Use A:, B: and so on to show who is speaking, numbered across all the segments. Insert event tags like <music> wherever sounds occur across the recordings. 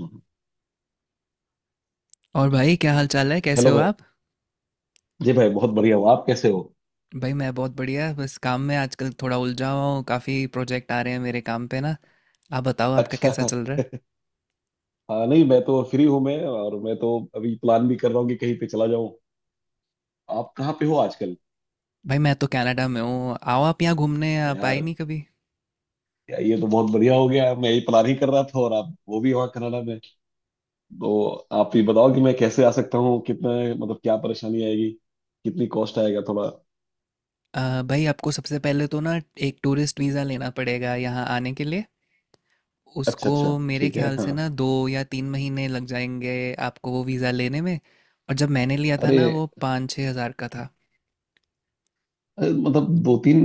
A: हम्म।
B: और भाई क्या हाल चाल है, कैसे
A: हेलो
B: हो
A: भाई।
B: आप?
A: जी भाई बहुत बढ़िया हूँ। आप कैसे हो।
B: भाई मैं बहुत बढ़िया, बस काम में आजकल थोड़ा उलझा हुआ हूँ। काफ़ी प्रोजेक्ट आ रहे हैं मेरे काम पे ना। आप बताओ आपका
A: अच्छा।
B: कैसा चल रहा है?
A: हाँ नहीं मैं तो फ्री हूँ। मैं तो अभी प्लान भी कर रहा हूँ कि कहीं पे चला जाऊँ। आप कहाँ पे हो आजकल।
B: भाई मैं तो कनाडा में हूँ। आओ आप यहाँ घूमने, आप आए
A: यार,
B: नहीं कभी।
A: ये तो बहुत बढ़िया हो गया। मैं यही प्लान ही कर रहा था और आप वो भी वहाँ कनाडा में। तो आप ये बताओ कि मैं कैसे आ सकता हूँ। कितना, मतलब क्या परेशानी आएगी। कितनी कॉस्ट आएगा थोड़ा।
B: भाई आपको सबसे पहले तो ना एक टूरिस्ट वीज़ा लेना पड़ेगा यहाँ आने के लिए।
A: अच्छा
B: उसको
A: अच्छा,
B: मेरे
A: ठीक है,
B: ख्याल से
A: हाँ।
B: ना 2 या 3 महीने लग जाएंगे आपको वो वीज़ा लेने में। और जब मैंने लिया था
A: अरे।
B: ना, वो 5-6 हज़ार का था।
A: मतलब दो तीन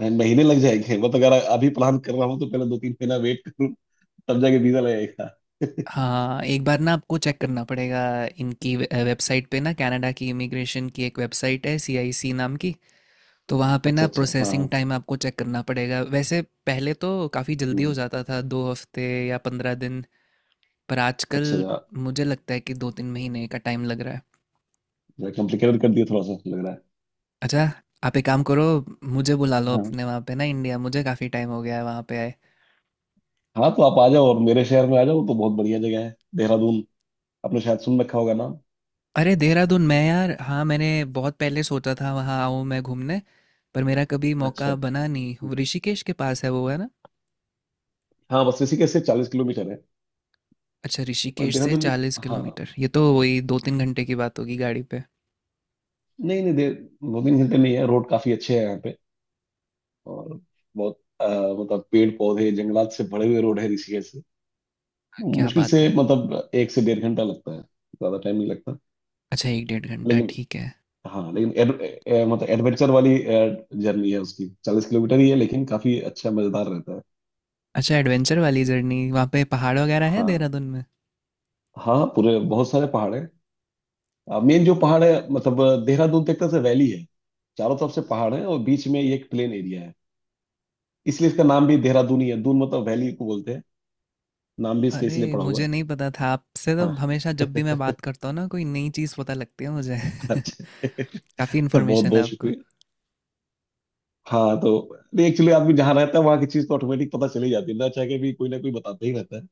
A: महीने लग जाएंगे मतलब। अगर अभी प्लान कर रहा हूँ तो पहले दो तीन महीना वेट करूँ, तब जाके वीजा लगेगा।
B: हाँ, एक बार ना आपको चेक करना पड़ेगा इनकी वेबसाइट पे ना। कनाडा की इमिग्रेशन की एक वेबसाइट है, सीआईसी नाम की। तो वहाँ पे ना
A: अच्छा अच्छा, हाँ
B: प्रोसेसिंग
A: हाँ।
B: टाइम आपको चेक करना पड़ेगा। वैसे पहले तो काफ़ी जल्दी हो
A: हम्म,
B: जाता था, 2 हफ्ते या 15 दिन। पर आजकल
A: अच्छा।
B: मुझे लगता है कि 2-3 महीने का टाइम लग रहा है।
A: मैं कॉम्प्लिकेटेड कर दिया थोड़ा सा लग रहा है।
B: अच्छा, आप एक काम करो, मुझे बुला लो
A: हाँ,
B: अपने वहाँ पे ना इंडिया। मुझे काफ़ी टाइम हो गया है वहाँ पे आए।
A: हाँ तो आप आ जाओ और मेरे शहर में आ जाओ। वो तो बहुत बढ़िया जगह है, देहरादून। आपने शायद सुन रखा होगा नाम।
B: अरे देहरादून! मैं यार, हाँ मैंने बहुत पहले सोचा था वहाँ आऊँ मैं घूमने। पर मेरा कभी
A: अच्छा।
B: मौका बना नहीं।
A: हम्म।
B: वो ऋषिकेश के पास है वो, है ना?
A: हाँ, बस ऋषिकेश से 40 किलोमीटर है।
B: अच्छा,
A: पर
B: ऋषिकेश से
A: देहरादून,
B: चालीस
A: हाँ
B: किलोमीटर ये तो वही 2-3 घंटे की बात होगी गाड़ी पे।
A: नहीं नहीं, दे दो तीन घंटे नहीं है। रोड काफी अच्छे हैं यहाँ पे। और बहुत मतलब पेड़ पौधे जंगलात से भरे हुए रोड है। ऋषिकेश से
B: क्या
A: मुश्किल
B: बात
A: से
B: है!
A: मतलब एक से डेढ़ घंटा लगता है, ज्यादा टाइम नहीं लगता।
B: अच्छा, एक डेढ़ घंटा,
A: लेकिन,
B: ठीक है।
A: हाँ लेकिन मतलब एडवेंचर वाली जर्नी है उसकी। 40 किलोमीटर ही है लेकिन काफी अच्छा मजेदार रहता है।
B: अच्छा, एडवेंचर वाली जर्नी। वहाँ पे पहाड़ वगैरह है
A: हाँ।
B: देहरादून में?
A: हाँ पूरे, बहुत सारे पहाड़ हैं। मेन जो पहाड़ है मतलब देहरादून तक से वैली है। चारों तरफ से पहाड़ है और बीच में ये एक प्लेन एरिया है। इसलिए इसका नाम भी देहरादून ही है। दून मतलब वैली को बोलते हैं। नाम भी इसके
B: अरे,
A: इसलिए पड़ा हुआ
B: मुझे
A: है।
B: नहीं पता था। आपसे तो
A: हाँ
B: हमेशा जब भी मैं
A: <laughs>
B: बात करता हूँ ना कोई नई चीज़ पता लगती है मुझे।
A: अच्छा।
B: <laughs> काफ़ी
A: <laughs> बहुत
B: इन्फॉर्मेशन है
A: बहुत
B: आपको।
A: शुक्रिया। हाँ तो एक्चुअली आदमी जहाँ रहता है वहाँ की चीज तो ऑटोमेटिक पता चली जाती है ना। चाह के भी कोई ना कोई बताता ही रहता है।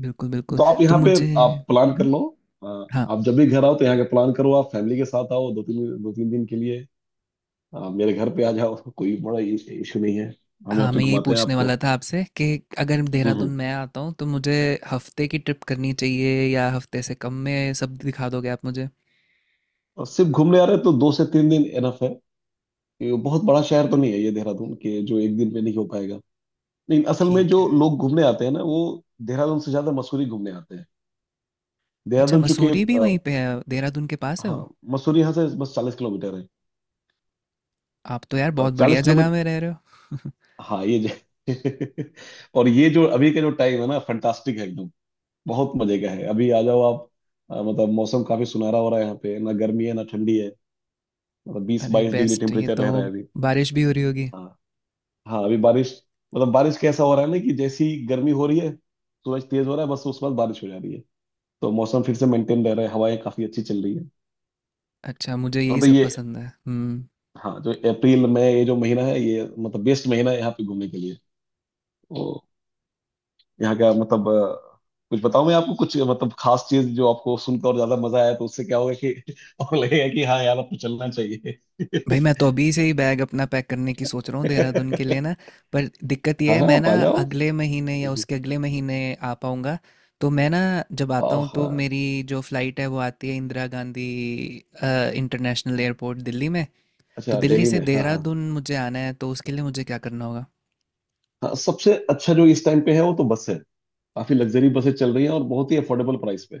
B: बिल्कुल बिल्कुल।
A: तो आप
B: तो
A: यहाँ पे,
B: मुझे
A: आप प्लान कर लो। अ,
B: हाँ
A: आप जब भी घर आओ तो यहाँ का प्लान करो। आप फैमिली के साथ आओ, दो तीन दिन के लिए। मेरे घर पे आ जाओ <laughs> कोई बड़ा इशू नहीं है। हम
B: हाँ,
A: यहाँ पे
B: मैं यही
A: घुमाते हैं
B: पूछने
A: आपको।
B: वाला था आपसे कि अगर
A: हम्म
B: देहरादून
A: हम्म।
B: मैं आता हूँ तो मुझे हफ्ते की ट्रिप करनी चाहिए, या हफ्ते से कम में सब दिखा दोगे आप मुझे?
A: और सिर्फ घूमने आ रहे हैं तो दो से तीन दिन एनफ है। ये बहुत बड़ा शहर तो नहीं है ये देहरादून, के जो एक दिन में नहीं हो पाएगा। लेकिन असल में
B: ठीक
A: जो
B: है।
A: लोग घूमने आते हैं ना वो देहरादून से ज्यादा मसूरी घूमने आते हैं।
B: अच्छा,
A: देहरादून चूंकि
B: मसूरी भी वहीं पे है, देहरादून के पास है
A: हाँ,
B: वो?
A: मसूरी यहाँ से बस 40 किलोमीटर है।
B: आप तो यार
A: और
B: बहुत बढ़िया
A: चालीस
B: जगह
A: किलोमीटर
B: में रह रहे हो।
A: हाँ ये जो <laughs> और ये जो अभी का जो टाइम है ना फंटास्टिक है एकदम। बहुत मजे का है अभी, आ जाओ आप। मतलब मौसम काफी सुनहरा हो रहा है यहाँ पे, ना गर्मी है ना ठंडी है। मतलब
B: <laughs>
A: बीस
B: अरे
A: बाईस डिग्री
B: बेस्ट! ये
A: टेम्परेचर
B: तो,
A: रह रहा है अभी।
B: बारिश भी हो रही होगी।
A: हाँ। हाँ अभी बारिश, मतलब बारिश कैसा हो रहा है ना कि जैसी गर्मी हो रही है सूरज तेज हो रहा है, बस उसके बाद बारिश हो जा रही है। तो मौसम फिर से मेंटेन रह रहा है, हवाएं काफी अच्छी चल रही है।
B: अच्छा, मुझे
A: और
B: यही
A: तो
B: सब
A: ये,
B: पसंद है। हम्म।
A: हाँ जो अप्रैल मई ये जो महीना है ये मतलब बेस्ट महीना है यहाँ पे घूमने के लिए। तो यहाँ का मतलब कुछ बताऊं मैं आपको कुछ मतलब खास चीज जो आपको सुनकर और ज्यादा मजा आया तो उससे क्या होगा कि <laughs> और लगेगा कि हाँ यार आपको चलना चाहिए।
B: भाई मैं तो अभी से ही बैग अपना पैक करने की सोच रहा हूँ देहरादून के लिए
A: <laughs>
B: ना। पर दिक्कत यह
A: हाँ
B: है,
A: हाँ,
B: मैं
A: आप
B: ना
A: आ जाओ।
B: अगले महीने या
A: हम्म।
B: उसके अगले महीने आ पाऊँगा। तो मैं ना, जब आता हूँ तो
A: आह,
B: मेरी जो फ़्लाइट है वो आती है इंदिरा गांधी अ, इंटरनेशनल एयरपोर्ट, दिल्ली में। तो
A: अच्छा
B: दिल्ली
A: दिल्ली
B: से
A: में, हाँ हाँ।
B: देहरादून मुझे आना है, तो उसके लिए मुझे क्या करना होगा?
A: हाँ, सबसे अच्छा जो इस टाइम पे है वो तो बस है। काफी लग्जरी बसें चल रही हैं और बहुत ही अफोर्डेबल प्राइस पे।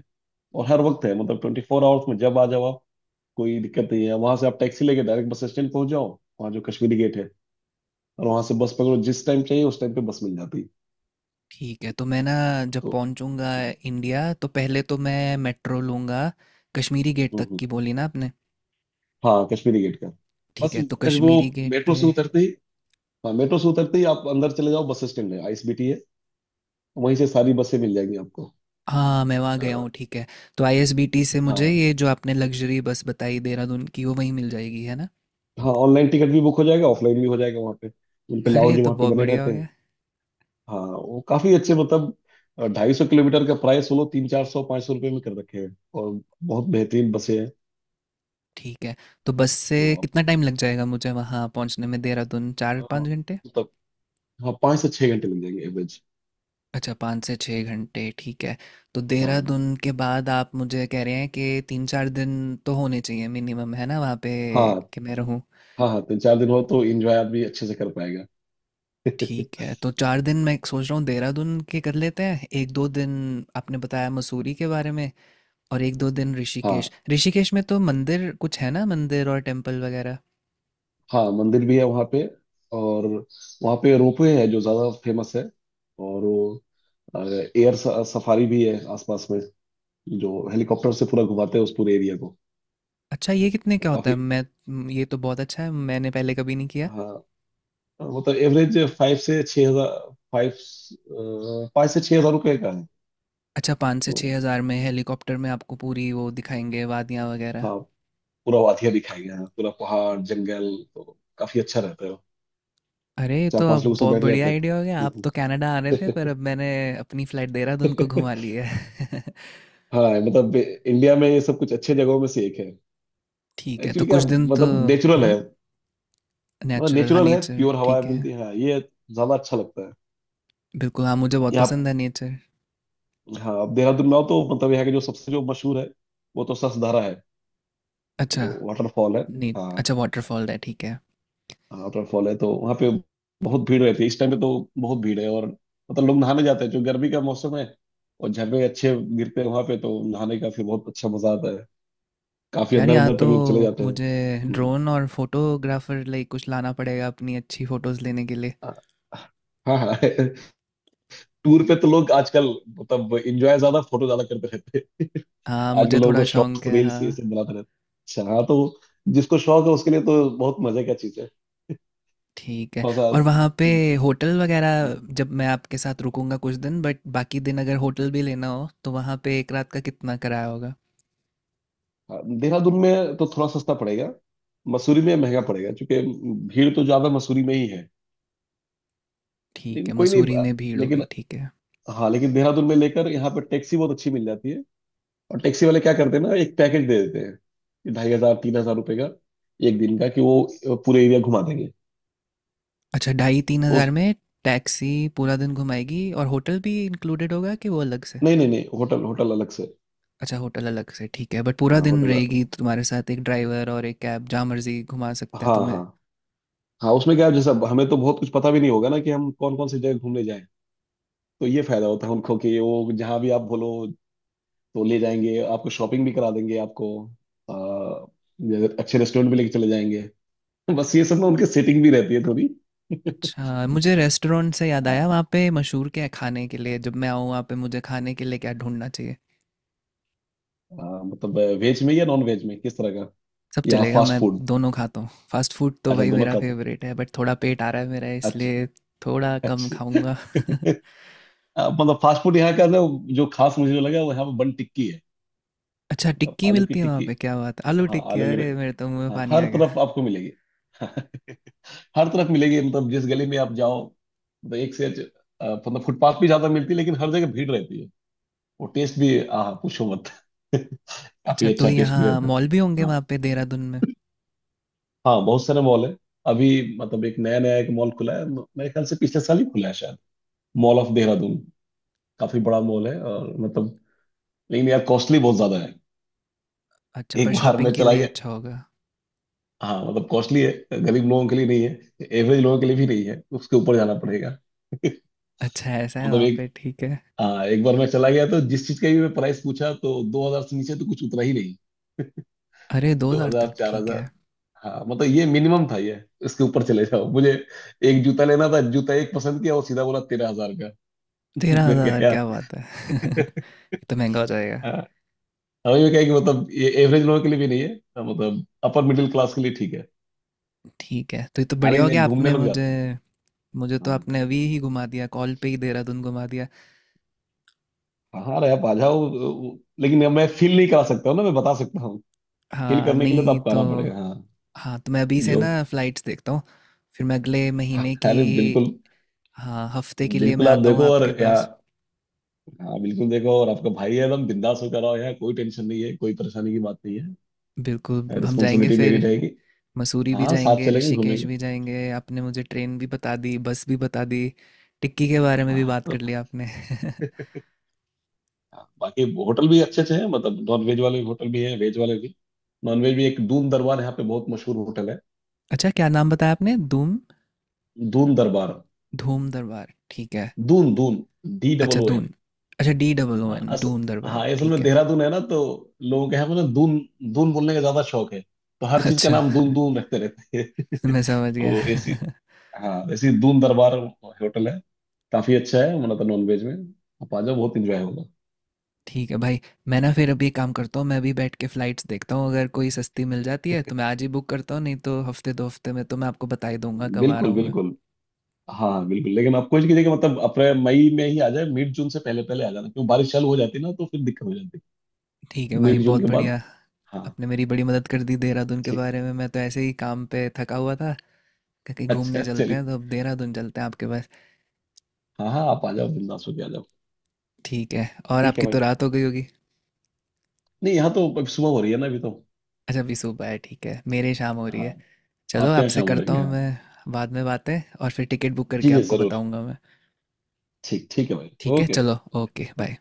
A: और हर वक्त है, मतलब 24 आवर्स में जब आ जाओ आप। कोई दिक्कत नहीं है। वहां से आप टैक्सी लेके डायरेक्ट बस स्टैंड पहुंच जाओ। वहाँ जो कश्मीरी गेट है। और वहां से बस पकड़ो, जिस टाइम चाहिए उस टाइम पे बस मिल जाती है।
B: ठीक है। तो मैं ना, जब
A: तो
B: पहुँचूँगा
A: हम्म,
B: इंडिया तो पहले तो मैं मेट्रो लूँगा। कश्मीरी गेट तक
A: हम्म,
B: की बोली ना आपने।
A: हाँ कश्मीरी गेट का।
B: ठीक
A: बस
B: है, तो
A: कश वो
B: कश्मीरी गेट
A: मेट्रो से
B: पे।
A: उतरते ही, हाँ मेट्रो से उतरते ही आप अंदर चले जाओ। बस स्टैंड है, आईएसबीटी है। वहीं से सारी बसें मिल जाएंगी आपको।
B: हाँ, मैं वहाँ
A: अ,
B: गया हूँ, ठीक है। तो आईएसबीटी से मुझे
A: हाँ
B: ये जो आपने लग्जरी बस बताई देहरादून की, वो वहीं मिल जाएगी, है ना?
A: हाँ, ऑनलाइन टिकट भी बुक हो जाएगा, ऑफलाइन भी हो जाएगा वहाँ पे। उनके
B: <laughs> अरे, ये
A: लाउंज
B: तो
A: वहाँ पे
B: बहुत
A: बने
B: बढ़िया हो
A: रहते हैं।
B: गया।
A: हाँ वो काफी अच्छे, मतलब 250 किलोमीटर का प्राइस वो लोग तीन चार सौ पाँच सौ रुपये में कर रखे हैं। और बहुत बेहतरीन बसें हैं।
B: ठीक है, तो बस से
A: तो आप,
B: कितना टाइम लग जाएगा मुझे वहाँ पहुँचने में देहरादून, चार
A: हाँ,
B: पाँच घंटे
A: मतलब, हाँ 5 से 6 घंटे लग जाएंगे एवरेज।
B: अच्छा, 5 से 6 घंटे, ठीक है। तो
A: हाँ।
B: देहरादून के बाद आप मुझे कह रहे हैं कि 3-4 दिन तो होने चाहिए मिनिमम, है ना वहाँ पे
A: हाँ।
B: कि मैं रहूँ?
A: हाँ, हाँ तीन चार दिन हो तो इंजॉय आदमी अच्छे से कर पाएगा <laughs>
B: ठीक है, तो 4 दिन मैं सोच रहा हूँ देहरादून के कर लेते हैं। 1-2 दिन आपने बताया मसूरी के बारे में, और 1-2 दिन ऋषिकेश।
A: हाँ।
B: ऋषिकेश में तो मंदिर कुछ है ना, मंदिर और टेंपल वगैरह?
A: हाँ मंदिर भी है वहाँ पे। और वहाँ पे रोपवे है जो ज़्यादा फेमस है। और वो एयर सफारी भी है आसपास में, जो हेलीकॉप्टर से पूरा घुमाते हैं उस पूरे एरिया को।
B: अच्छा, ये कितने का होता है?
A: काफ़ी,
B: मैं, ये तो बहुत अच्छा है, मैंने पहले कभी नहीं किया।
A: हाँ मतलब एवरेज 5 से 6 हज़ार, फाइव 5 से 6 हज़ार रुपये का है।
B: अच्छा, 5 से
A: तो
B: 6,000 में हेलीकॉप्टर में आपको पूरी वो दिखाएँगे वादियाँ वगैरह।
A: हाँ, पूरा वादियाँ दिखाई गया है, पूरा पहाड़ जंगल, तो काफ़ी अच्छा रहता है।
B: अरे! ये
A: चार
B: तो
A: पांच
B: अब
A: लोग उसमें
B: बहुत
A: बैठ
B: बढ़िया
A: जाते
B: आइडिया हो गया। आप
A: हैं।
B: तो कनाडा आ रहे थे, पर अब मैंने अपनी फ्लाइट देहरादून को घुमा ली है। <laughs>
A: <laughs> हाँ, मतलब इंडिया में ये सब कुछ अच्छे जगहों में से एक है।
B: ठीक है, तो
A: एक्चुअली क्या,
B: कुछ दिन तो,
A: मतलब नेचुरल है।
B: उहुँ,
A: मतलब
B: नेचुरल, हाँ,
A: नेचुरल है,
B: नेचर,
A: प्योर हवाएं
B: ठीक है।
A: मिलती है हाँ, ये ज्यादा अच्छा लगता है
B: बिल्कुल, हाँ मुझे बहुत
A: यहाँ।
B: पसंद है नेचर।
A: हाँ, अब देहरादून में आओ तो मतलब यहाँ के जो सबसे जो मशहूर है वो तो ससधारा है,
B: अच्छा,
A: जो वाटरफॉल है।
B: ने
A: हाँ
B: अच्छा वॉटरफॉल है, ठीक है।
A: वाटरफॉल है तो वहाँ पे बहुत भीड़ रहती है, इस टाइम पे तो बहुत भीड़ है। और मतलब लोग नहाने जाते हैं, जो गर्मी का मौसम है। और झरने अच्छे गिरते हैं वहाँ पे तो नहाने का फिर बहुत अच्छा मजा आता है। काफी
B: यार,
A: अंदर
B: यहाँ
A: अंदर तक
B: तो
A: लोग चले जाते हैं।
B: मुझे
A: हम्म।
B: ड्रोन और फोटोग्राफर लाइक कुछ लाना पड़ेगा अपनी अच्छी फोटोज लेने के लिए।
A: हाँ हाँ <laughs> टूर पे तो लोग आजकल मतलब एंजॉय ज्यादा, फोटो ज्यादा करते रहते हैं।
B: हाँ,
A: आजकल
B: मुझे
A: लोगों
B: थोड़ा
A: को
B: शौक
A: शॉर्ट्स
B: है,
A: रील्स
B: हाँ।
A: ये सब बनाते रहते हैं। अच्छा हाँ, तो जिसको शौक है उसके लिए तो बहुत मजे का चीज है।
B: ठीक है।
A: थोड़ा सा,
B: और वहाँ पे होटल वगैरह, जब मैं आपके साथ रुकूंगा कुछ दिन बट बाकी दिन अगर होटल भी लेना हो, तो वहाँ पे एक रात का कितना किराया होगा?
A: हाँ, देहरादून में तो थोड़ा सस्ता पड़ेगा। मसूरी में महंगा पड़ेगा क्योंकि भीड़ तो ज्यादा मसूरी में ही है।
B: ठीक
A: लेकिन
B: है,
A: कोई नहीं,
B: मसूरी में भीड़
A: लेकिन,
B: होगी, ठीक है।
A: हाँ लेकिन देहरादून में लेकर यहाँ पर टैक्सी बहुत अच्छी मिल जाती है। और टैक्सी वाले क्या करते हैं ना, एक पैकेज दे देते हैं कि 2.5 हज़ार 3 हज़ार रुपये का एक दिन का, कि वो पूरे एरिया घुमा देंगे।
B: अच्छा, ढाई तीन
A: तो
B: हज़ार
A: उस-
B: में टैक्सी पूरा दिन घुमाएगी, और होटल भी इंक्लूडेड होगा कि वो अलग से?
A: नहीं नहीं नहीं, होटल होटल अलग से।
B: अच्छा, होटल अलग से, ठीक है। बट पूरा
A: हाँ
B: दिन
A: होटल,
B: रहेगी तो तुम्हारे साथ एक ड्राइवर और एक कैब, जहाँ मर्जी घुमा सकता है
A: हाँ
B: तुम्हें।
A: हाँ। हाँ उसमें क्या है, जैसे अब हमें तो बहुत कुछ पता भी नहीं होगा ना कि हम कौन कौन सी जगह घूमने जाएं। तो ये फायदा होता है उनको कि वो जहाँ भी आप बोलो तो ले जाएंगे आपको। शॉपिंग भी करा देंगे आपको। आ, जैसे अच्छे रेस्टोरेंट भी लेके चले जाएंगे <laughs> बस ये सब ना उनके सेटिंग भी रहती है थोड़ी।
B: अच्छा, मुझे रेस्टोरेंट से याद आया,
A: हाँ
B: वहाँ पे मशहूर क्या है खाने के लिए, जब मैं आऊँ वहाँ पे मुझे खाने के लिए क्या ढूंढना चाहिए?
A: मतलब वेज में या नॉन वेज में, किस तरह का,
B: सब
A: या
B: चलेगा,
A: फास्ट
B: मैं
A: फूड।
B: दोनों खाता हूँ। फास्ट फूड तो
A: अच्छा
B: भाई
A: दोनों
B: मेरा
A: खाते हैं।
B: फेवरेट है, बट थोड़ा पेट आ रहा है मेरा,
A: अच्छा
B: इसलिए थोड़ा कम
A: अच्छा।
B: खाऊंगा। <laughs>
A: <laughs> मतलब फास्ट फूड यहाँ का ना जो खास मुझे जो लगा वो यहाँ पे बन टिक्की है।
B: अच्छा,
A: मतलब
B: टिक्की
A: आलू की
B: मिलती है वहाँ
A: टिक्की।
B: पे, क्या बात है! आलू
A: हाँ
B: टिक्की,
A: आलू की।
B: अरे मेरे तो मुंह में
A: हाँ
B: पानी
A: हर
B: आ गया।
A: तरफ आपको मिलेगी <laughs> हर तरफ मिलेगी, मतलब जिस गली में आप जाओ, मतलब मतलब फुटपाथ भी ज्यादा मिलती है लेकिन हर जगह भीड़ रहती है। वो टेस्ट भी, आह पूछो मत <laughs> काफी
B: अच्छा, तो
A: अच्छा टेस्ट भी
B: यहाँ
A: रहता है।
B: मॉल भी होंगे
A: हाँ।
B: वहाँ पे देहरादून में?
A: हाँ बहुत सारे मॉल है। अभी मतलब एक नया नया एक मॉल खुला है, मेरे ख्याल से पिछले साल ही खुला है शायद, मॉल ऑफ देहरादून। काफी बड़ा मॉल है और मतलब, लेकिन यार कॉस्टली बहुत ज्यादा है।
B: अच्छा, पर
A: एक बार
B: शॉपिंग
A: मैं
B: के
A: चला
B: लिए
A: गया,
B: अच्छा होगा।
A: हाँ मतलब कॉस्टली है। गरीब लोगों के लिए नहीं है, एवरेज लोगों के लिए भी नहीं है, उसके ऊपर जाना पड़ेगा।
B: अच्छा, ऐसा है
A: मतलब
B: वहाँ
A: एक,
B: पे, ठीक है।
A: हाँ एक बार मैं चला गया तो जिस चीज का भी मैं प्राइस पूछा तो 2 हज़ार से नीचे तो कुछ उतरा ही नहीं।
B: अरे, दो
A: दो
B: हजार
A: हजार
B: तक
A: चार
B: ठीक है।
A: हजार हाँ मतलब ये मिनिमम था ये। इसके ऊपर चले जाओ। मुझे एक जूता लेना था, जूता एक पसंद किया और सीधा बोला 13 हज़ार का। <laughs>
B: तेरह
A: मैं
B: हजार
A: गया।
B: क्या बात है! <laughs> ये तो महंगा हो जाएगा।
A: हाँ, हमें ये क्या है कि मतलब ये एवरेज लोगों के लिए भी नहीं है, हाँ, मतलब अपर मिडिल क्लास के लिए ठीक है।
B: ठीक है, तो ये तो बढ़िया
A: हालांकि
B: हो
A: नहीं,
B: गया
A: घूमने
B: आपने
A: लोग
B: मुझे।
A: जाते हैं।
B: मुझे तो
A: हाँ
B: आपने अभी ही घुमा दिया, कॉल पे ही देहरादून घुमा दिया।
A: हाँ, अरे आप आ जाओ, लेकिन अब मैं फील नहीं करा सकता हूँ ना, मैं बता सकता हूँ। फील
B: हाँ,
A: करने के लिए तो
B: नहीं
A: आपको
B: तो।
A: आना पड़ेगा हाँ।
B: हाँ, तो मैं अभी से
A: जो,
B: ना फ्लाइट्स देखता हूँ। फिर मैं अगले महीने की,
A: अरे बिल्कुल,
B: हाँ, हफ्ते के लिए मैं
A: बिल्कुल आप
B: आता हूँ
A: देखो। और
B: आपके पास।
A: हाँ बिल्कुल देखो, और आपका भाई है, एकदम बिंदास होकर आओ यार। कोई टेंशन नहीं है, कोई परेशानी की बात नहीं
B: बिल्कुल,
A: है।
B: हम जाएंगे
A: रिस्पॉन्सिबिलिटी
B: फिर।
A: मेरी रहेगी।
B: मसूरी भी
A: हाँ, साथ
B: जाएंगे,
A: चलेंगे
B: ऋषिकेश
A: घूमेंगे।
B: भी जाएंगे। आपने मुझे ट्रेन भी बता दी, बस भी बता दी, टिक्की के बारे में भी
A: हाँ
B: बात
A: तो,
B: कर लिया आपने। <laughs>
A: हाँ, बाकी होटल भी अच्छे अच्छे हैं, मतलब नॉन वेज वाले होटल भी हैं, वेज वाले भी। नॉन वेज भी, एक दून दरबार यहाँ पे बहुत मशहूर होटल है।
B: अच्छा, क्या नाम बताया आपने, धूम?
A: दून दरबार।
B: धूम दरबार, ठीक है।
A: दून, दून, डी डबल
B: अच्छा
A: ओ एन
B: दून। अच्छा, डी डबल ओ
A: हाँ
B: एन
A: अस
B: दून दरबार,
A: हाँ असल
B: ठीक
A: में
B: है।
A: देहरादून है ना तो लोगों के यहाँ पे ना दून, दून बोलने का ज्यादा शौक है। तो हर चीज का
B: अच्छा,
A: नाम दून दून रखते रहते हैं
B: <laughs>
A: <laughs>
B: मैं समझ गया।
A: तो ऐसी, हाँ ऐसी दून दरबार होटल है। काफी अच्छा है हमारा तो नॉनवेज में। आप आ जाओ, बहुत इंजॉय होगा।
B: <laughs> ठीक है भाई। मैं ना फिर अभी एक काम करता हूँ, मैं अभी बैठ के फ़्लाइट्स देखता हूँ, अगर कोई सस्ती मिल जाती है तो मैं आज ही बुक करता हूँ, नहीं तो हफ्ते दो हफ्ते में तो मैं आपको बता ही दूंगा कब आ रहा
A: बिल्कुल
B: हूँ मैं।
A: बिल्कुल। हाँ बिल्कुल, लेकिन आप कोशिश कीजिए कि मतलब अप्रैल मई में ही आ जाए। मिड जून से पहले पहले आ जाना, क्यों बारिश चालू हो जाती है ना, तो फिर दिक्कत हो जाती
B: ठीक है
A: है
B: भाई,
A: मिड जून
B: बहुत
A: के
B: बढ़िया।
A: बाद। हाँ।
B: आपने मेरी बड़ी मदद कर दी देहरादून के
A: ठीक।
B: बारे में। मैं तो ऐसे ही काम पे थका हुआ था, कहा कहीं
A: अच्छा
B: घूमने चलते हैं,
A: चलिए।
B: तो अब देहरादून चलते हैं आपके पास।
A: हाँ हाँ, आप आ जाओ, बिंदास होके आ जाओ।
B: ठीक है। और
A: ठीक है
B: आपकी
A: भाई।
B: तो रात हो गई होगी।
A: नहीं, यहाँ तो अब सुबह हो रही है ना अभी तो।
B: अच्छा, अभी सुबह है, ठीक है, मेरे शाम हो रही
A: हाँ,
B: है। चलो,
A: आपके यहाँ
B: आपसे
A: शाम हो
B: करता
A: रही है,
B: हूँ
A: हाँ।
B: मैं बाद में बातें, और फिर टिकट बुक
A: जी
B: करके
A: जी,
B: आपको
A: जरूर।
B: बताऊंगा मैं।
A: ठीक, ठीक है भाई।
B: ठीक है,
A: ओके।
B: चलो, ओके
A: हाँ।
B: बाय।